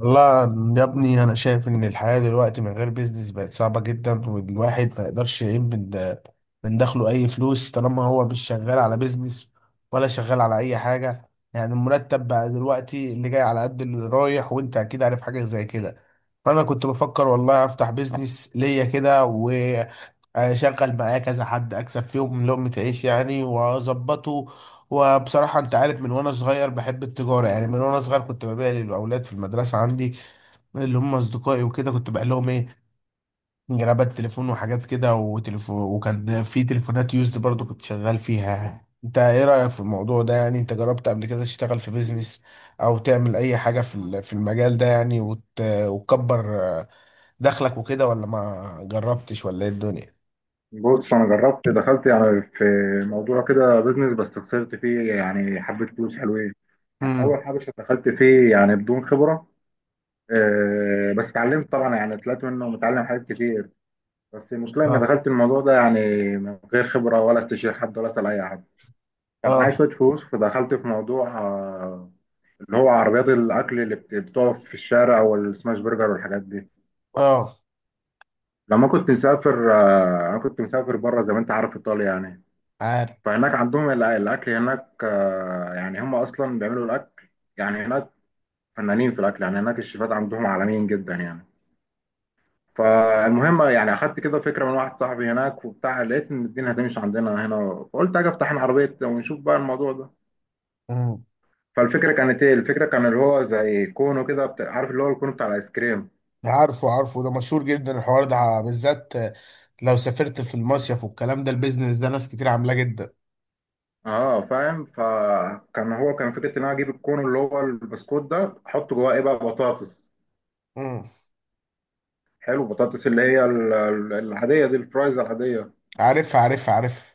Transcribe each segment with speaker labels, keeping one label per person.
Speaker 1: لا، يا ابني، انا شايف ان الحياه دلوقتي من غير بيزنس بقت صعبه جدا، والواحد ما يقدرش يعين من دخله اي فلوس طالما هو مش شغال على بيزنس ولا شغال على اي حاجه. يعني المرتب بقى دلوقتي اللي جاي على قد اللي رايح، وانت اكيد عارف حاجه زي كده. فانا كنت بفكر والله افتح بيزنس ليا كده و اشغل معايا كذا حد، اكسب فيهم لقمة عيش يعني، واظبطه. وبصراحة أنت عارف، من وأنا صغير بحب التجارة. يعني من وأنا صغير كنت ببيع للأولاد في المدرسة عندي، اللي هم أصدقائي، وكده. كنت بقى لهم إيه، جرابات تليفون وحاجات كده وتليفون، وكان في تليفونات يوزد برضو كنت شغال فيها يعني. أنت إيه رأيك في الموضوع ده؟ يعني أنت جربت قبل كده تشتغل في بيزنس، أو تعمل أي حاجة في في المجال ده يعني؟ وتكبر دخلك وكده، ولا ما جربتش، ولا إيه الدنيا؟
Speaker 2: بص، انا جربت دخلت يعني في موضوع كده بيزنس، بس خسرت فيه يعني حبه فلوس حلوين. يعني
Speaker 1: امم.
Speaker 2: اول حاجه دخلت فيه يعني بدون خبره. بس اتعلمت طبعا، يعني طلعت منه متعلم حاجات كتير. بس المشكله اني
Speaker 1: اه.
Speaker 2: دخلت الموضوع ده يعني من غير خبره ولا استشير حد ولا اسال اي حد. كان
Speaker 1: اه.
Speaker 2: معايا شويه فلوس، فدخلت في موضوع، اللي هو عربيات الاكل اللي بتقف في الشارع، والسماش برجر والحاجات دي.
Speaker 1: اه.
Speaker 2: لما كنت مسافر، انا كنت مسافر بره زي ما انت عارف، ايطاليا يعني.
Speaker 1: عارف.
Speaker 2: فهناك عندهم الأكل هناك، يعني هم أصلا بيعملوا الأكل يعني هناك، فنانين في الأكل. يعني هناك الشيفات عندهم عالميين جدا يعني. فالمهم يعني أخدت كده فكرة من واحد صاحبي هناك وبتاع، لقيت إن الدنيا هتمشي عندنا هنا، فقلت أجي أفتح أنا عربية ونشوف بقى الموضوع ده. فالفكرة كانت إيه؟ الفكرة كان اللي هو زي كونو كده، عارف اللي هو الكونو بتاع الآيس كريم.
Speaker 1: عارفه، عارفه. ده مشهور جدا الحوار ده بالذات. لو سافرت في المصيف والكلام ده، البيزنس ده ناس كتير عاملاه جدا.
Speaker 2: اه، فاهم. فكان هو كان فكره ان انا اجيب الكون اللي هو البسكوت ده، احط جواه ايه بقى؟ بطاطس.
Speaker 1: امم.
Speaker 2: حلو، بطاطس اللي هي العاديه دي، الفرايز العاديه.
Speaker 1: عارف، عارف، عارف.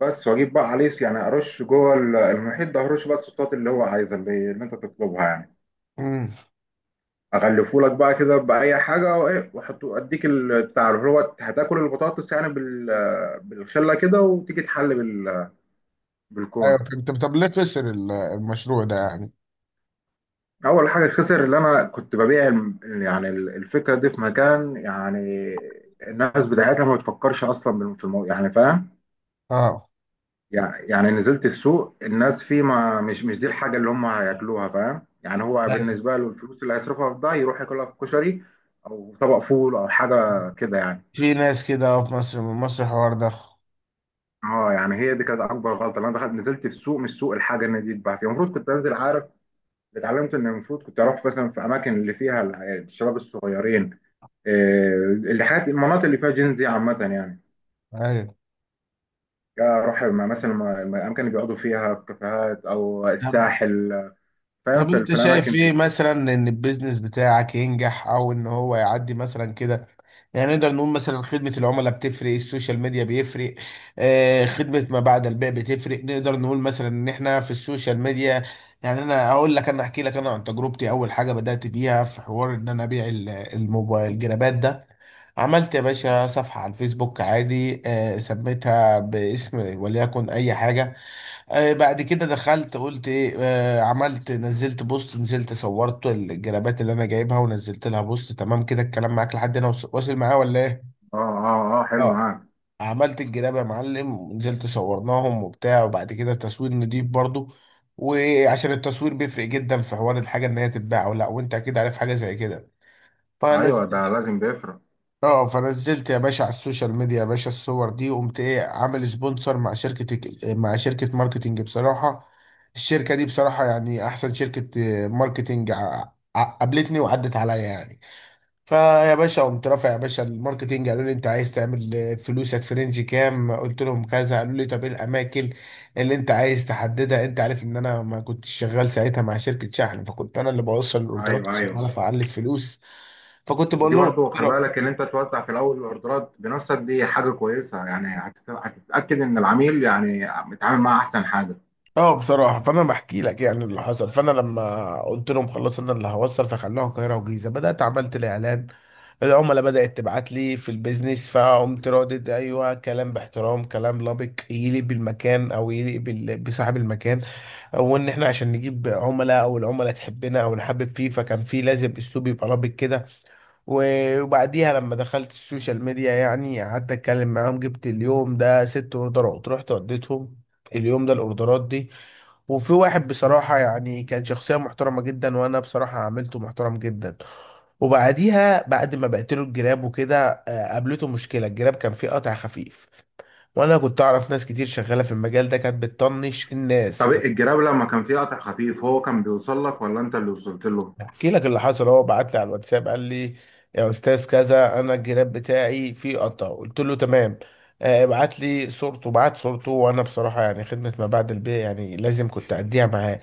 Speaker 2: بس واجيب بقى عليه يعني ارش جوه المحيط ده، ارش بقى الصوصات اللي هو عايزها، اللي انت تطلبها يعني.
Speaker 1: امم.
Speaker 2: اغلفه لك بقى كده باي حاجه وايه، واحطه اديك بتاع اللي هو هتاكل البطاطس يعني بالخله كده، وتيجي تحل
Speaker 1: ايوه،
Speaker 2: بالكون.
Speaker 1: فهمت. طب ليه خسر المشروع ده يعني؟
Speaker 2: اول حاجه خسر، اللي انا كنت ببيع يعني الفكره دي في مكان، يعني الناس بتاعتها ما بتفكرش اصلا في الموضوع، يعني فاهم.
Speaker 1: اه.
Speaker 2: يعني نزلت السوق، الناس فيه ما مش دي الحاجة اللي هم هياكلوها، فاهم يعني. هو
Speaker 1: أيوة.
Speaker 2: بالنسبة له الفلوس اللي هيصرفها في ده يروح ياكلها في كشري، أو طبق فول أو حاجة كده يعني.
Speaker 1: في ناس كده في مصر، من مصر الحوار ده.
Speaker 2: اه، يعني هي دي كانت أكبر غلطة، اللي أنا دخلت نزلت السوق، مش سوق الحاجة إن دي تتباع فيها، المفروض كنت أنزل، عارف. اتعلمت إن المفروض كنت أروح مثلا في أماكن اللي فيها الشباب الصغيرين، اللي حاجات المناطق اللي فيها جينزي عامة يعني.
Speaker 1: ايوه.
Speaker 2: يا أروح مثلا الأماكن اللي بيقعدوا فيها في كافيهات أو
Speaker 1: طب
Speaker 2: الساحل، فاهم،
Speaker 1: طب
Speaker 2: في في
Speaker 1: انت شايف
Speaker 2: الأماكن
Speaker 1: ايه
Speaker 2: دي.
Speaker 1: مثلا، ان البيزنس بتاعك ينجح او ان هو يعدي مثلا كده؟ يعني نقدر نقول مثلا خدمة العملاء بتفرق، السوشيال ميديا بيفرق، خدمة ما بعد البيع بتفرق. نقدر نقول مثلا ان احنا في السوشيال ميديا. يعني انا احكي لك، انا عن تجربتي، اول حاجة بدأت بيها في حوار ان انا ابيع الموبايل الجرابات ده. عملت يا باشا صفحة على الفيسبوك عادي، سميتها باسم وليكن اي حاجة. بعد كده دخلت قلت ايه. عملت، نزلت بوست، نزلت صورت الجرابات اللي انا جايبها، ونزلت لها بوست. تمام كده الكلام معاك لحد هنا واصل معاه، ولا ايه؟
Speaker 2: اه اه اه، حلو
Speaker 1: اه.
Speaker 2: معاك.
Speaker 1: عملت الجراب يا معلم، ونزلت صورناهم وبتاع، وبعد كده تصوير نضيف برضو. وعشان التصوير بيفرق جدا في حوار الحاجة ان هي تتباع ولا لا، وانت اكيد عارف حاجة زي كده.
Speaker 2: ايوه،
Speaker 1: فنزلت
Speaker 2: ده لازم بيفرق.
Speaker 1: اه فنزلت يا باشا على السوشيال ميديا يا باشا الصور دي، وقمت ايه، عامل سبونسر مع شركة ماركتينج بصراحة. الشركة دي بصراحة يعني احسن شركة ماركتينج قابلتني وعدت عليا يعني. فيا باشا قمت رافع يا باشا الماركتينج، قالوا لي انت عايز تعمل فلوسك في رينج كام؟ قلت لهم كذا. قالوا لي طب ايه الاماكن اللي انت عايز تحددها؟ انت عارف ان انا ما كنتش شغال ساعتها مع شركة شحن، فكنت انا اللي بوصل الاوردرات
Speaker 2: ايوه
Speaker 1: عشان
Speaker 2: ايوه،
Speaker 1: اعرف اعلي الفلوس. فكنت بقول
Speaker 2: ودي
Speaker 1: لهم.
Speaker 2: برضو خلي بالك ان انت توزع في الاول الاوردرات بنفسك، دي حاجه كويسه يعني، هتتاكد ان العميل يعني متعامل معاه احسن حاجه.
Speaker 1: اه، بصراحة فأنا بحكي لك يعني اللي حصل. فأنا لما قلت لهم خلاص أنا اللي هوصل، فخلوها القاهرة والجيزة. بدأت عملت الإعلان، العملاء بدأت تبعت لي في البيزنس، فقمت ردد أيوه كلام باحترام، كلام لبق يليق بالمكان أو يليق بصاحب المكان. وإن إحنا عشان نجيب عملاء، أو العملاء تحبنا، أو نحبب فيه، فكان في لازم أسلوب يبقى لبق كده. وبعديها لما دخلت السوشيال ميديا يعني قعدت أتكلم معاهم. جبت اليوم ده 6 أوردرات، رحت وديتهم. اليوم ده الاوردرات دي، وفي واحد بصراحة يعني كان شخصية محترمة جدا، وأنا بصراحة عملته محترم جدا. وبعديها بعد ما بقتله الجراب وكده قابلته مشكلة الجراب كان فيه قطع خفيف. وأنا كنت أعرف ناس كتير شغالة في المجال ده كانت بتطنش الناس.
Speaker 2: طب الجراب لما كان فيه قطع خفيف، هو كان بيوصل لك ولا انت اللي وصلت له؟
Speaker 1: احكي لك اللي حصل. هو بعت لي على الواتساب، قال لي يا استاذ كذا انا الجراب بتاعي فيه قطع. قلت له تمام، ابعت لي صورته. بعت صورته، وانا بصراحه يعني خدمه ما بعد البيع يعني لازم كنت اديها معاه.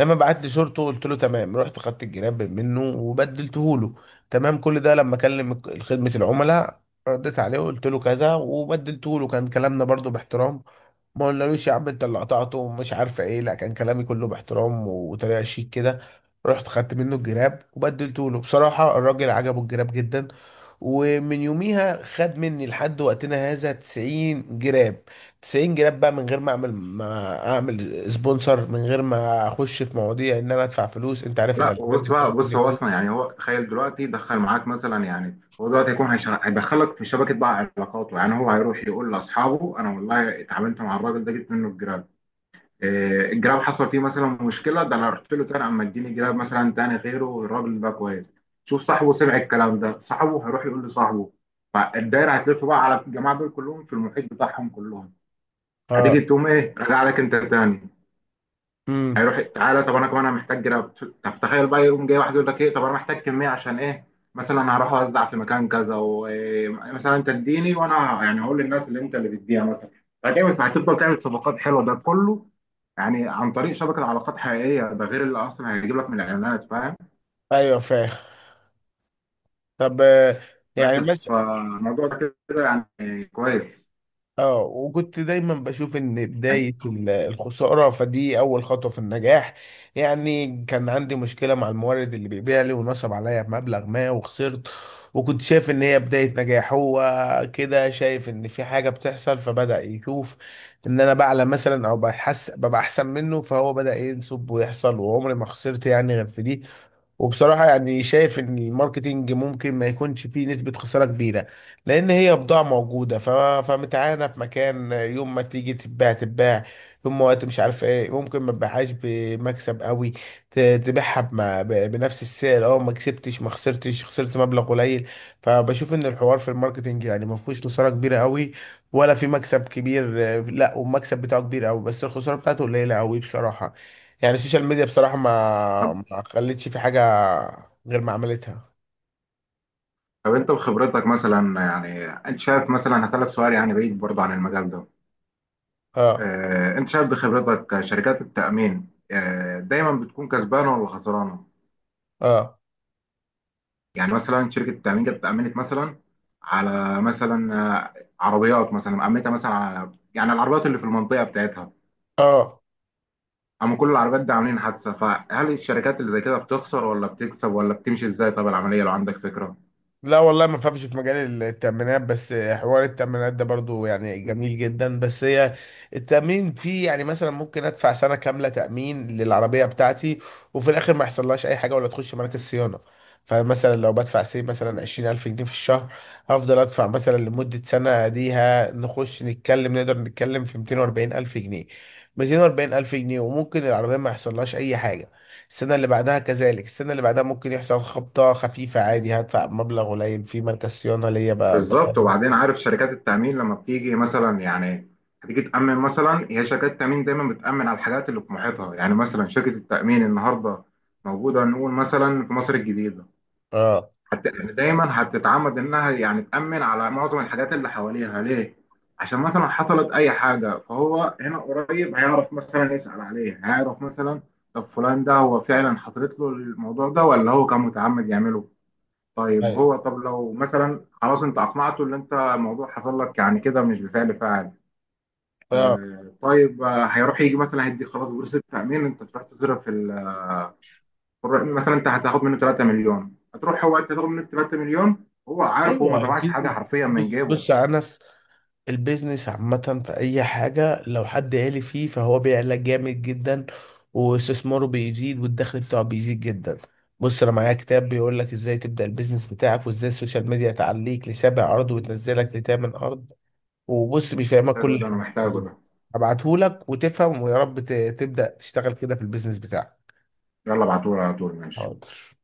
Speaker 1: لما بعت لي صورته قلت له تمام، رحت خدت الجراب منه وبدلته له. تمام كل ده لما اكلم خدمه العملاء، رديت عليه وقلت له كذا وبدلته له، كان كلامنا برضو باحترام. ما قلنالوش يا عم انت اللي قطعته ومش عارفه ايه، لا، كان كلامي كله باحترام وطريقه شيك كده. رحت خدت منه الجراب وبدلته له، بصراحة الراجل عجبه الجراب جدا. ومن يوميها خد مني لحد وقتنا هذا 90 جراب. 90 جراب بقى من غير ما اعمل سبونسر، من غير ما اخش في مواضيع ان انا ادفع فلوس. انت عارف
Speaker 2: لا،
Speaker 1: الاعلانات دي
Speaker 2: بص بقى،
Speaker 1: بتاخد
Speaker 2: بص،
Speaker 1: مني
Speaker 2: هو اصلا
Speaker 1: فلوس.
Speaker 2: يعني، هو تخيل دلوقتي دخل معاك مثلا، يعني هو دلوقتي هيكون هيدخلك في شبكه بقى علاقاته، يعني هو هيروح يقول لاصحابه انا والله اتعاملت مع الراجل ده، جبت منه الجراب. الجراب حصل فيه مثلا مشكله، ده انا رحت له تاني اما اديني جراب مثلا تاني غيره، الراجل ده كويس. شوف، صاحبه سمع الكلام ده، صاحبه هيروح يقول لصاحبه، فالدايره هتلف بقى على الجماعه دول كلهم، في المحيط بتاعهم كلهم. هتيجي
Speaker 1: اه.
Speaker 2: تقوم ايه؟ راجع لك انت تاني.
Speaker 1: امم.
Speaker 2: هيروح تعالى طب انا كمان انا محتاج جراب. طب تخيل بقى يقوم جاي واحد يقول لك ايه، طب انا محتاج كميه، عشان ايه؟ مثلا هروح اوزع في مكان كذا، ومثلا انت اديني وانا يعني هقول للناس اللي انت اللي بتديها مثلا. فهتعمل، فهتفضل تعمل صفقات حلوه ده كله، يعني عن طريق شبكه علاقات حقيقيه، ده غير اللي اصلا هيجيب لك من الاعلانات، فاهم.
Speaker 1: ايوه، فاهم. طب. يعني.
Speaker 2: بس فالموضوع ده كده يعني كويس.
Speaker 1: اه، وكنت دايما بشوف ان بداية الخسارة فدي اول خطوة في النجاح. يعني كان عندي مشكلة مع المورد اللي بيبيع لي، ونصب عليا بمبلغ ما وخسرت. وكنت شايف ان هي بداية نجاح. هو كده شايف ان في حاجة بتحصل، فبدأ يشوف ان انا بعلى مثلا، او بحس ببقى احسن منه، فهو بدأ ينصب ويحصل. وعمري ما خسرت يعني غير في دي. وبصراحة يعني شايف ان الماركتينج ممكن ما يكونش فيه نسبة خسارة كبيرة، لان هي بضاعة موجودة فمتعانة في مكان. يوم ما تيجي تتباع تتباع. يوم ما وقت مش عارف ايه، ممكن ما تبيعهاش بمكسب قوي، تبيعها بنفس السعر، اه ما كسبتش ما خسرتش، خسرت مبلغ قليل. فبشوف ان الحوار في الماركتينج يعني ما فيهوش خسارة كبيرة قوي، ولا في مكسب كبير. لا، والمكسب بتاعه كبير قوي، بس الخسارة بتاعته قليلة قوي بصراحة. يعني السوشيال ميديا بصراحة ما
Speaker 2: طب
Speaker 1: ما خلتش في حاجة غير ما عملتها.
Speaker 2: طب انت بخبرتك مثلا، يعني انت شايف مثلا، هسألك سؤال يعني بعيد برضه عن المجال ده،
Speaker 1: اه.
Speaker 2: انت شايف بخبرتك شركات التأمين، دايما بتكون كسبانة ولا خسرانة؟
Speaker 1: اه.
Speaker 2: يعني مثلا شركة التأمين جت أمنت مثلا على مثلا، آه، عربيات مثلا، أمنتها مثلا على يعني العربيات اللي في المنطقة بتاعتها.
Speaker 1: اه.
Speaker 2: أما كل العربيات دي عاملين حادثة، فهل الشركات اللي زي كده بتخسر ولا بتكسب، ولا بتمشي ازاي طب العملية، لو عندك فكرة؟
Speaker 1: لا والله ما فهمش في مجال التأمينات. بس حوار التأمينات ده برضو يعني جميل جدا. بس هي التأمين فيه يعني، مثلا ممكن أدفع سنة كاملة تأمين للعربية بتاعتي، وفي الآخر ما يحصلهاش أي حاجة، ولا تخش مراكز صيانة. فمثلا لو بدفع سي مثلا 20,000 جنيه في الشهر، هفضل أدفع مثلا لمدة سنة ديها، نخش نتكلم، نقدر نتكلم في 240,000 جنيه. 240,000 جنيه، وممكن العربية ما يحصلهاش أي حاجة. السنة اللي بعدها كذلك، السنة اللي بعدها ممكن يحصل خبطة خفيفة عادي، هدفع مبلغ قليل في مركز صيانة ليا
Speaker 2: بالظبط.
Speaker 1: بخلي.
Speaker 2: وبعدين، عارف شركات التأمين لما بتيجي مثلا، يعني هتيجي تأمن مثلا، هي شركات التأمين دايما بتأمن على الحاجات اللي في محيطها، يعني مثلا شركة التأمين النهاردة موجودة نقول مثلا في مصر الجديدة،
Speaker 1: اه.
Speaker 2: يعني دايما هتتعمد إنها يعني تأمن على معظم الحاجات اللي حواليها. ليه؟ عشان مثلا حصلت أي حاجة فهو هنا قريب هيعرف مثلا يسأل عليها، هيعرف مثلا طب فلان ده هو فعلا حصلت له الموضوع ده، ولا هو كان متعمد يعمله. طيب
Speaker 1: أيوة.
Speaker 2: هو، طب لو مثلا خلاص انت اقنعته ان انت الموضوع حصل لك يعني كده مش بفعل فاعل،
Speaker 1: اه.
Speaker 2: طيب، هيروح يجي مثلا هيدي خلاص بورصه التامين، انت تروح تصرف في مثلا، انت هتاخد منه 3 مليون، هتروح هو انت تاخد منه 3 مليون، هو عارف هو ما
Speaker 1: ايوه.
Speaker 2: طبعش حاجه
Speaker 1: البيزنس.
Speaker 2: حرفيا
Speaker 1: بص،
Speaker 2: من جيبه.
Speaker 1: بص يا انس، البيزنس عامة في اي حاجة لو حد عالي فيه فهو بيعلى جامد جدا، واستثماره بيزيد والدخل بتاعه بيزيد جدا. بص انا معايا كتاب بيقول لك ازاي تبدأ البيزنس بتاعك، وازاي السوشيال ميديا تعليك لسابع ارض وتنزلك لتامن ارض. وبص بيفهمك
Speaker 2: حلو،
Speaker 1: كل
Speaker 2: ده انا
Speaker 1: حاجه.
Speaker 2: محتاجه ده.
Speaker 1: هبعتهولك وتفهم، ويا رب تبدا تشتغل كده في البيزنس بتاعك.
Speaker 2: يلا ابعتهولي على طول، ماشي.
Speaker 1: حاضر.